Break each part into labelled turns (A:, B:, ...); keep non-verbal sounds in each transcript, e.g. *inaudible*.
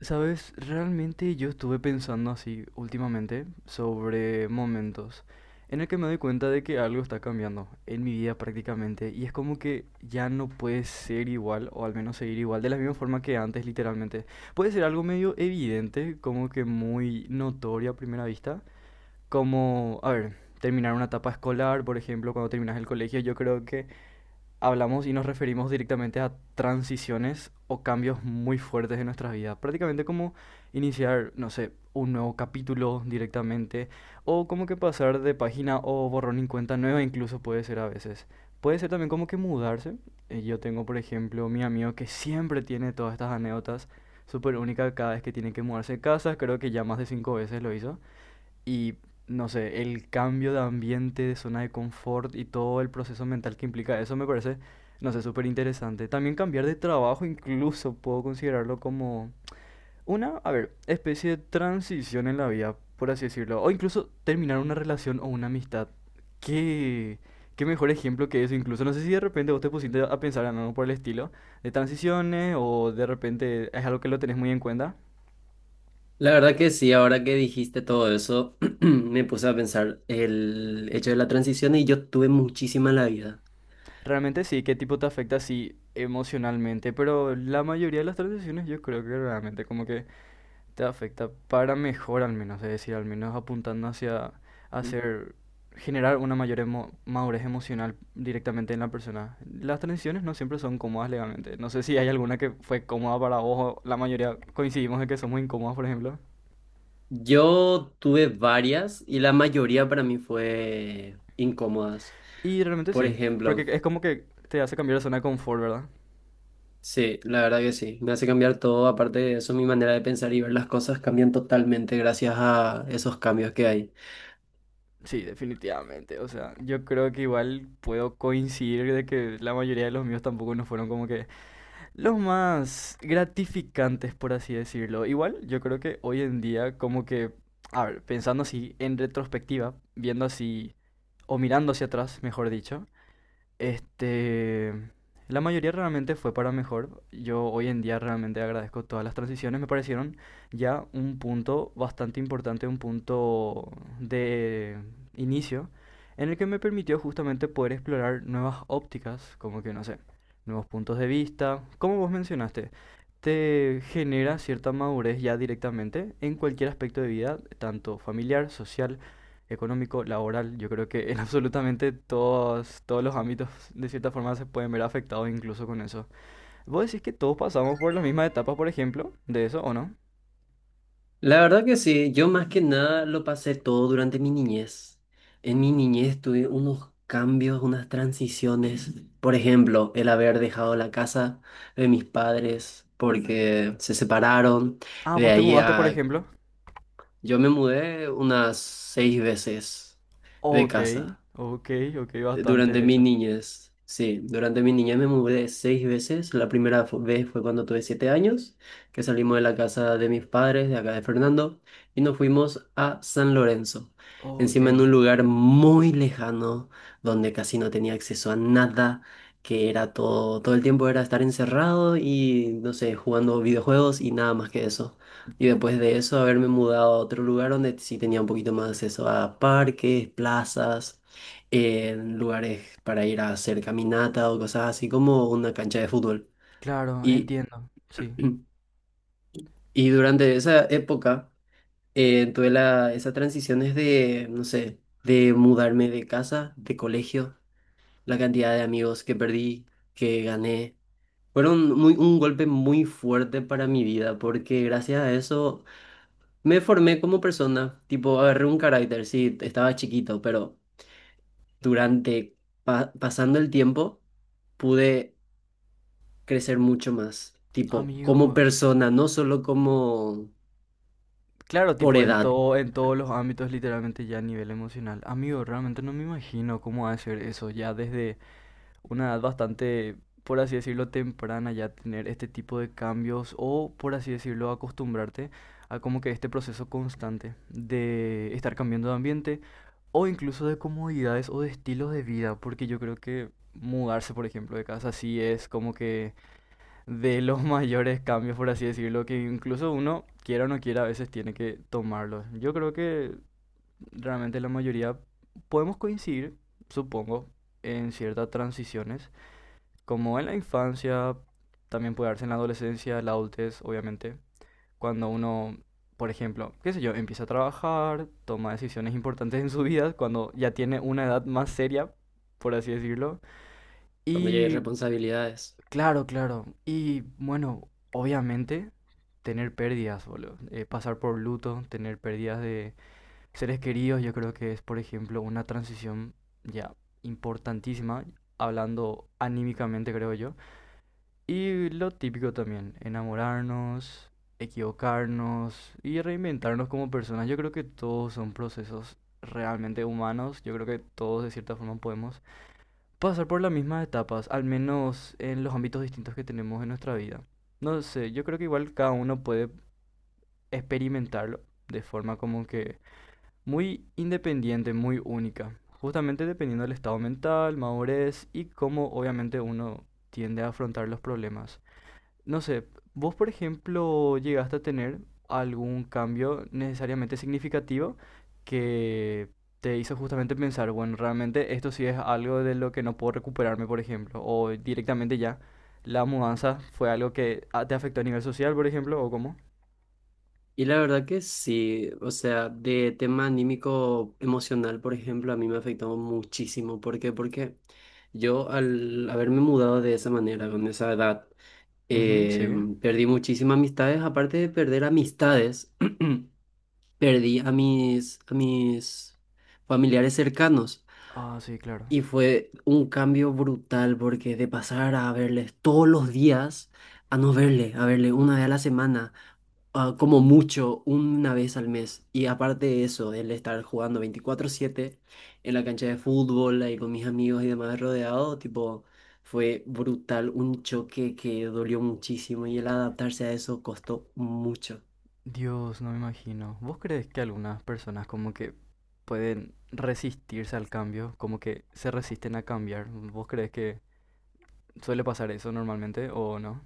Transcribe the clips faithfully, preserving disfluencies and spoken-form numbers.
A: Sabes, realmente yo estuve pensando así últimamente sobre momentos en el que me doy cuenta de que algo está cambiando en mi vida prácticamente y es como que ya no puede ser igual o al menos seguir igual de la misma forma que antes literalmente. Puede ser algo medio evidente, como que muy notorio a primera vista, como, a ver, terminar una etapa escolar, por ejemplo, cuando terminas el colegio, yo creo que hablamos y nos referimos directamente a transiciones o cambios muy fuertes en nuestras vidas. Prácticamente como iniciar, no sé, un nuevo capítulo directamente o como que pasar de página o borrón en cuenta nueva incluso puede ser a veces. Puede ser también como que mudarse. Eh, Yo tengo, por ejemplo, mi amigo que siempre tiene todas estas anécdotas súper únicas cada vez que tiene que mudarse de casa. Creo que ya más de cinco veces lo hizo. Y no sé, el cambio de ambiente, de zona de confort y todo el proceso mental que implica eso me parece, no sé, súper interesante. También cambiar de trabajo incluso puedo considerarlo como una, a ver, especie de transición en la vida, por así decirlo. O incluso terminar una relación o una amistad. Qué, qué mejor ejemplo que eso. Incluso no sé si de repente vos te pusiste a pensar en algo por el estilo de transiciones o de repente es algo que lo tenés muy en cuenta.
B: La verdad que sí, ahora que dijiste todo eso, *clears throat* me puse a pensar el hecho de la transición y yo tuve muchísima en la vida.
A: Realmente sí, qué tipo te afecta así emocionalmente, pero la mayoría de las transiciones yo creo que realmente como que te afecta para mejor al menos, es decir, al menos apuntando hacia hacer, generar una mayor emo- madurez emocional directamente en la persona. Las transiciones no siempre son cómodas legalmente, no sé si hay alguna que fue cómoda para vos, o la mayoría coincidimos en que somos incómodas, por ejemplo.
B: Yo tuve varias y la mayoría para mí fue incómodas.
A: Y realmente
B: Por
A: sí, porque
B: ejemplo,
A: es como que te hace cambiar de zona de confort, ¿verdad?
B: sí, la verdad que sí, me hace cambiar todo. Aparte de eso, mi manera de pensar y ver las cosas cambian totalmente gracias a esos cambios que hay.
A: Sí, definitivamente. O sea, yo creo que igual puedo coincidir de que la mayoría de los míos tampoco no fueron como que los más gratificantes, por así decirlo. Igual, yo creo que hoy en día, como que, a ver, pensando así en retrospectiva, viendo así, o mirando hacia atrás, mejor dicho, este, la mayoría realmente fue para mejor. Yo hoy en día realmente agradezco todas las transiciones. Me parecieron ya un punto bastante importante, un punto de inicio, en el que me permitió justamente poder explorar nuevas ópticas, como que no sé, nuevos puntos de vista. Como vos mencionaste, te genera cierta madurez ya directamente en cualquier aspecto de vida, tanto familiar, social, económico, laboral. Yo creo que en *laughs* absolutamente todos, todos los ámbitos de cierta forma se pueden ver afectados incluso con eso. ¿Vos decís que todos pasamos por la misma etapa, por ejemplo, de eso o no?
B: La verdad que sí, yo más que nada lo pasé todo durante mi niñez. En mi niñez tuve unos cambios, unas transiciones. Por ejemplo, el haber dejado la casa de mis padres porque se separaron.
A: Ah,
B: De
A: vos te
B: ahí
A: mudaste, por
B: a...
A: ejemplo.
B: Yo me mudé unas seis veces de
A: Ok,
B: casa.
A: ok, ok, bastante,
B: Durante
A: de
B: mi
A: hecho.
B: niñez, sí, durante mi niñez me mudé seis veces. La primera fu- vez fue cuando tuve siete años, que salimos de la casa de mis padres, de acá de Fernando, y nos fuimos a San Lorenzo.
A: Ok,
B: Encima en un lugar muy lejano, donde casi no tenía acceso a nada, que era todo, todo el tiempo era estar encerrado y, no sé, jugando videojuegos y nada más que eso. Y después de eso, haberme mudado a otro lugar donde sí tenía un poquito más acceso a parques, plazas en lugares para ir a hacer caminata o cosas así como una cancha de fútbol.
A: claro,
B: Y,
A: entiendo. Sí.
B: *clears throat* y durante esa época eh, tuve la, esas transiciones de, no sé, de mudarme de casa, de colegio, la cantidad de amigos que perdí, que gané. Fueron muy, un golpe muy fuerte para mi vida porque gracias a eso me formé como persona, tipo agarré un carácter, sí, estaba chiquito, pero durante, pa- pasando el tiempo pude crecer mucho más, tipo, como
A: Amigo,
B: persona, no solo como
A: claro,
B: por
A: tipo en
B: edad,
A: todo, en todos los ámbitos, literalmente ya a nivel emocional. Amigo, realmente no me imagino cómo hacer eso, ya desde una edad bastante, por así decirlo, temprana, ya tener este tipo de cambios o, por así decirlo, acostumbrarte a como que este proceso constante de estar cambiando de ambiente o incluso de comodidades o de estilos de vida, porque yo creo que mudarse, por ejemplo, de casa sí es como que de los *laughs* mayores cambios, por así decirlo, que incluso uno, quiera o no quiera, a veces tiene que tomarlos. Yo creo que realmente la mayoría podemos coincidir, supongo, en ciertas transiciones, como en la infancia, también puede darse en la adolescencia, la adultez, obviamente, cuando uno, por ejemplo, qué sé yo, empieza a trabajar, toma decisiones importantes en su vida, cuando ya tiene una edad más seria, por así decirlo,
B: cuando ya hay
A: y
B: responsabilidades.
A: claro, claro. Y bueno, obviamente tener pérdidas, boludo. Eh, pasar por luto, tener pérdidas de seres queridos, yo creo que es, por ejemplo, una transición ya importantísima, hablando anímicamente, creo yo. Y lo típico también, enamorarnos, equivocarnos y reinventarnos como personas. Yo creo que todos son procesos realmente humanos. Yo creo que todos de cierta forma podemos pasar por las mismas etapas, al menos en los ámbitos distintos que tenemos en nuestra vida. No sé, yo creo que igual cada uno puede experimentarlo de forma como que muy independiente, muy única, justamente dependiendo del estado mental, madurez y cómo obviamente uno tiende a afrontar los problemas. No sé, vos por ejemplo llegaste a tener algún cambio necesariamente significativo que te hizo justamente pensar, bueno, realmente esto sí es algo de lo que no puedo recuperarme, por ejemplo, o directamente ya la mudanza fue algo que ah, te afectó a nivel social, por ejemplo, ¿o cómo?
B: Y la verdad que sí, o sea, de tema anímico emocional, por ejemplo, a mí me afectó muchísimo. ¿Por qué? Porque yo al haberme mudado de esa manera, con esa edad,
A: Ujú,
B: eh,
A: sí.
B: perdí muchísimas amistades. Aparte de perder amistades, *clears throat* perdí a mis, a mis familiares cercanos.
A: Ah, sí, claro.
B: Y fue un cambio brutal porque de pasar a verles todos los días a no verle, a verle una vez a la semana, ah, como mucho, una vez al mes. Y aparte de eso, el estar jugando veinticuatro siete en la cancha de fútbol, ahí con mis amigos y demás rodeado, tipo, fue brutal, un choque que dolió muchísimo y el adaptarse a eso costó mucho.
A: Dios, no me imagino. ¿Vos crees que algunas personas como que pueden resistirse al cambio, como que se resisten a cambiar? ¿Vos crees que suele pasar eso normalmente, o no?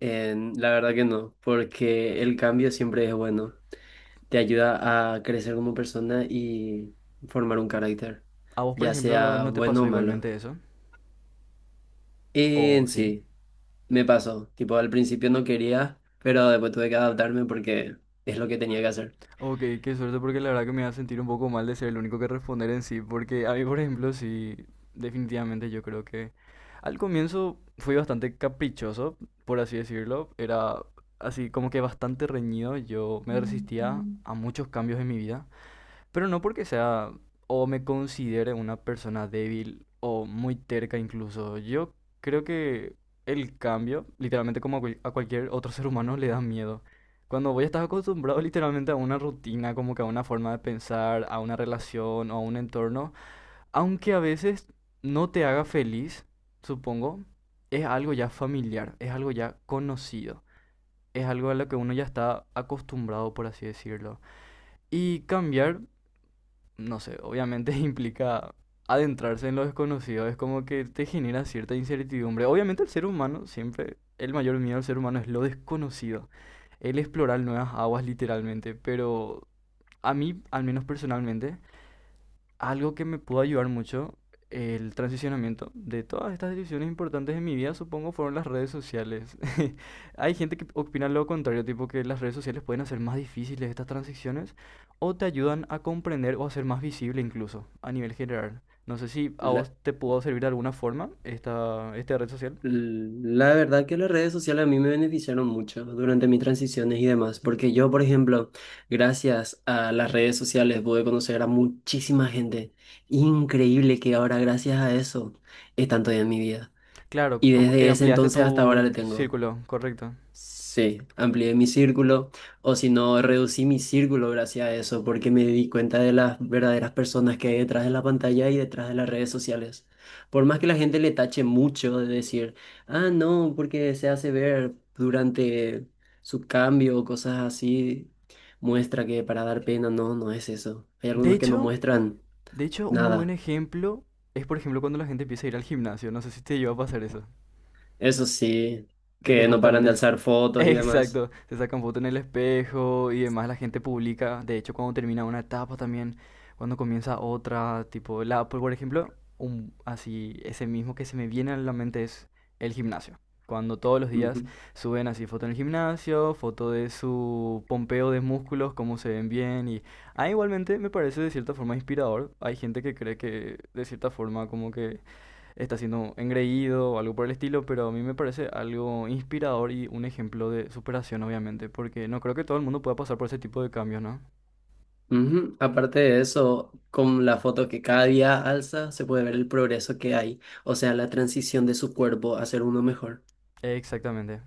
B: En- la verdad que no, porque el cambio siempre es bueno. Te ayuda a crecer como persona y formar un carácter,
A: ¿A vos, por
B: ya
A: ejemplo,
B: sea
A: no te
B: bueno
A: pasó
B: o malo.
A: igualmente eso?
B: Y
A: ¿O
B: en
A: sí?
B: sí, me pasó, tipo al principio no quería, pero después tuve que adaptarme porque es lo que tenía que hacer.
A: Ok, qué suerte porque la verdad que me va a sentir un poco mal de ser el único que responder en sí, porque a mí, por ejemplo, sí, definitivamente yo creo que al comienzo fui bastante caprichoso, por así decirlo, era así como que bastante reñido, yo me resistía a muchos cambios en mi vida, pero no porque sea o me considere una persona débil o muy terca incluso. Yo creo que el cambio, literalmente como a cual- a cualquier otro ser humano, le da miedo. Cuando voy a estar acostumbrado literalmente a una rutina, como que a una forma de pensar, a una relación o a un entorno, aunque a veces no te haga feliz, supongo, es algo ya familiar, es algo ya conocido, es algo a lo que uno ya está acostumbrado, por así decirlo. Y cambiar no sé, obviamente *laughs* implica adentrarse en lo desconocido, es como que te genera cierta incertidumbre. Obviamente el ser humano, siempre, el mayor miedo del ser humano es lo desconocido, el explorar nuevas aguas literalmente, pero a mí, al menos personalmente, algo que me pudo ayudar mucho, el transicionamiento de todas estas decisiones importantes de mi vida, supongo, fueron las redes sociales. *laughs* Hay gente que opina lo contrario, tipo que las redes sociales pueden hacer más difíciles estas transiciones o te ayudan a comprender o a ser más visible incluso a nivel general. No sé si a vos te pudo servir de alguna forma esta, esta red social.
B: Mm, la verdad que las redes sociales a mí me beneficiaron mucho durante mis transiciones y demás, porque yo, por ejemplo, gracias a las redes sociales pude conocer a muchísima gente increíble que ahora gracias a eso están todavía en mi vida.
A: Claro,
B: Y
A: como que
B: desde ese
A: ampliaste
B: entonces hasta ahora le
A: tu
B: tengo.
A: círculo, correcto.
B: Sí, amplié mi círculo, o si no, reducí mi círculo gracias a eso, porque me di cuenta de las verdaderas personas que hay detrás de la pantalla y detrás de las redes sociales. Por más que la gente le tache mucho de decir, ah, no, porque se hace ver durante su cambio o cosas así, muestra que para dar pena, no, no es eso. Hay
A: De
B: algunos que no
A: hecho,
B: muestran
A: de hecho, un muy buen
B: nada.
A: ejemplo es, por ejemplo, cuando la gente empieza a ir al gimnasio. No sé si te lleva a pasar eso.
B: Eso sí,
A: De que
B: que no paran
A: justamente,
B: de
A: es-
B: alzar
A: *laughs*
B: fotos y demás.
A: exacto, se sacan fotos en el espejo y demás, la gente publica, de hecho, cuando termina una etapa también, cuando comienza otra, tipo, la, por por ejemplo, un, así, ese mismo que se me viene a la mente es el gimnasio. Cuando todos los días suben así foto en el gimnasio, foto de su pompeo de músculos, cómo se ven bien y... Ah, igualmente me parece de cierta forma inspirador. Hay gente que cree que de cierta forma como que está siendo engreído o algo por el estilo, pero a mí me parece algo inspirador y un ejemplo de superación, obviamente, porque no creo que todo el mundo pueda pasar por ese tipo de cambios, ¿no?
B: Ujú, aparte de eso, con la foto que cada día alza, se puede ver el progreso que hay, o sea, la transición de su cuerpo a ser uno mejor.
A: Exactamente.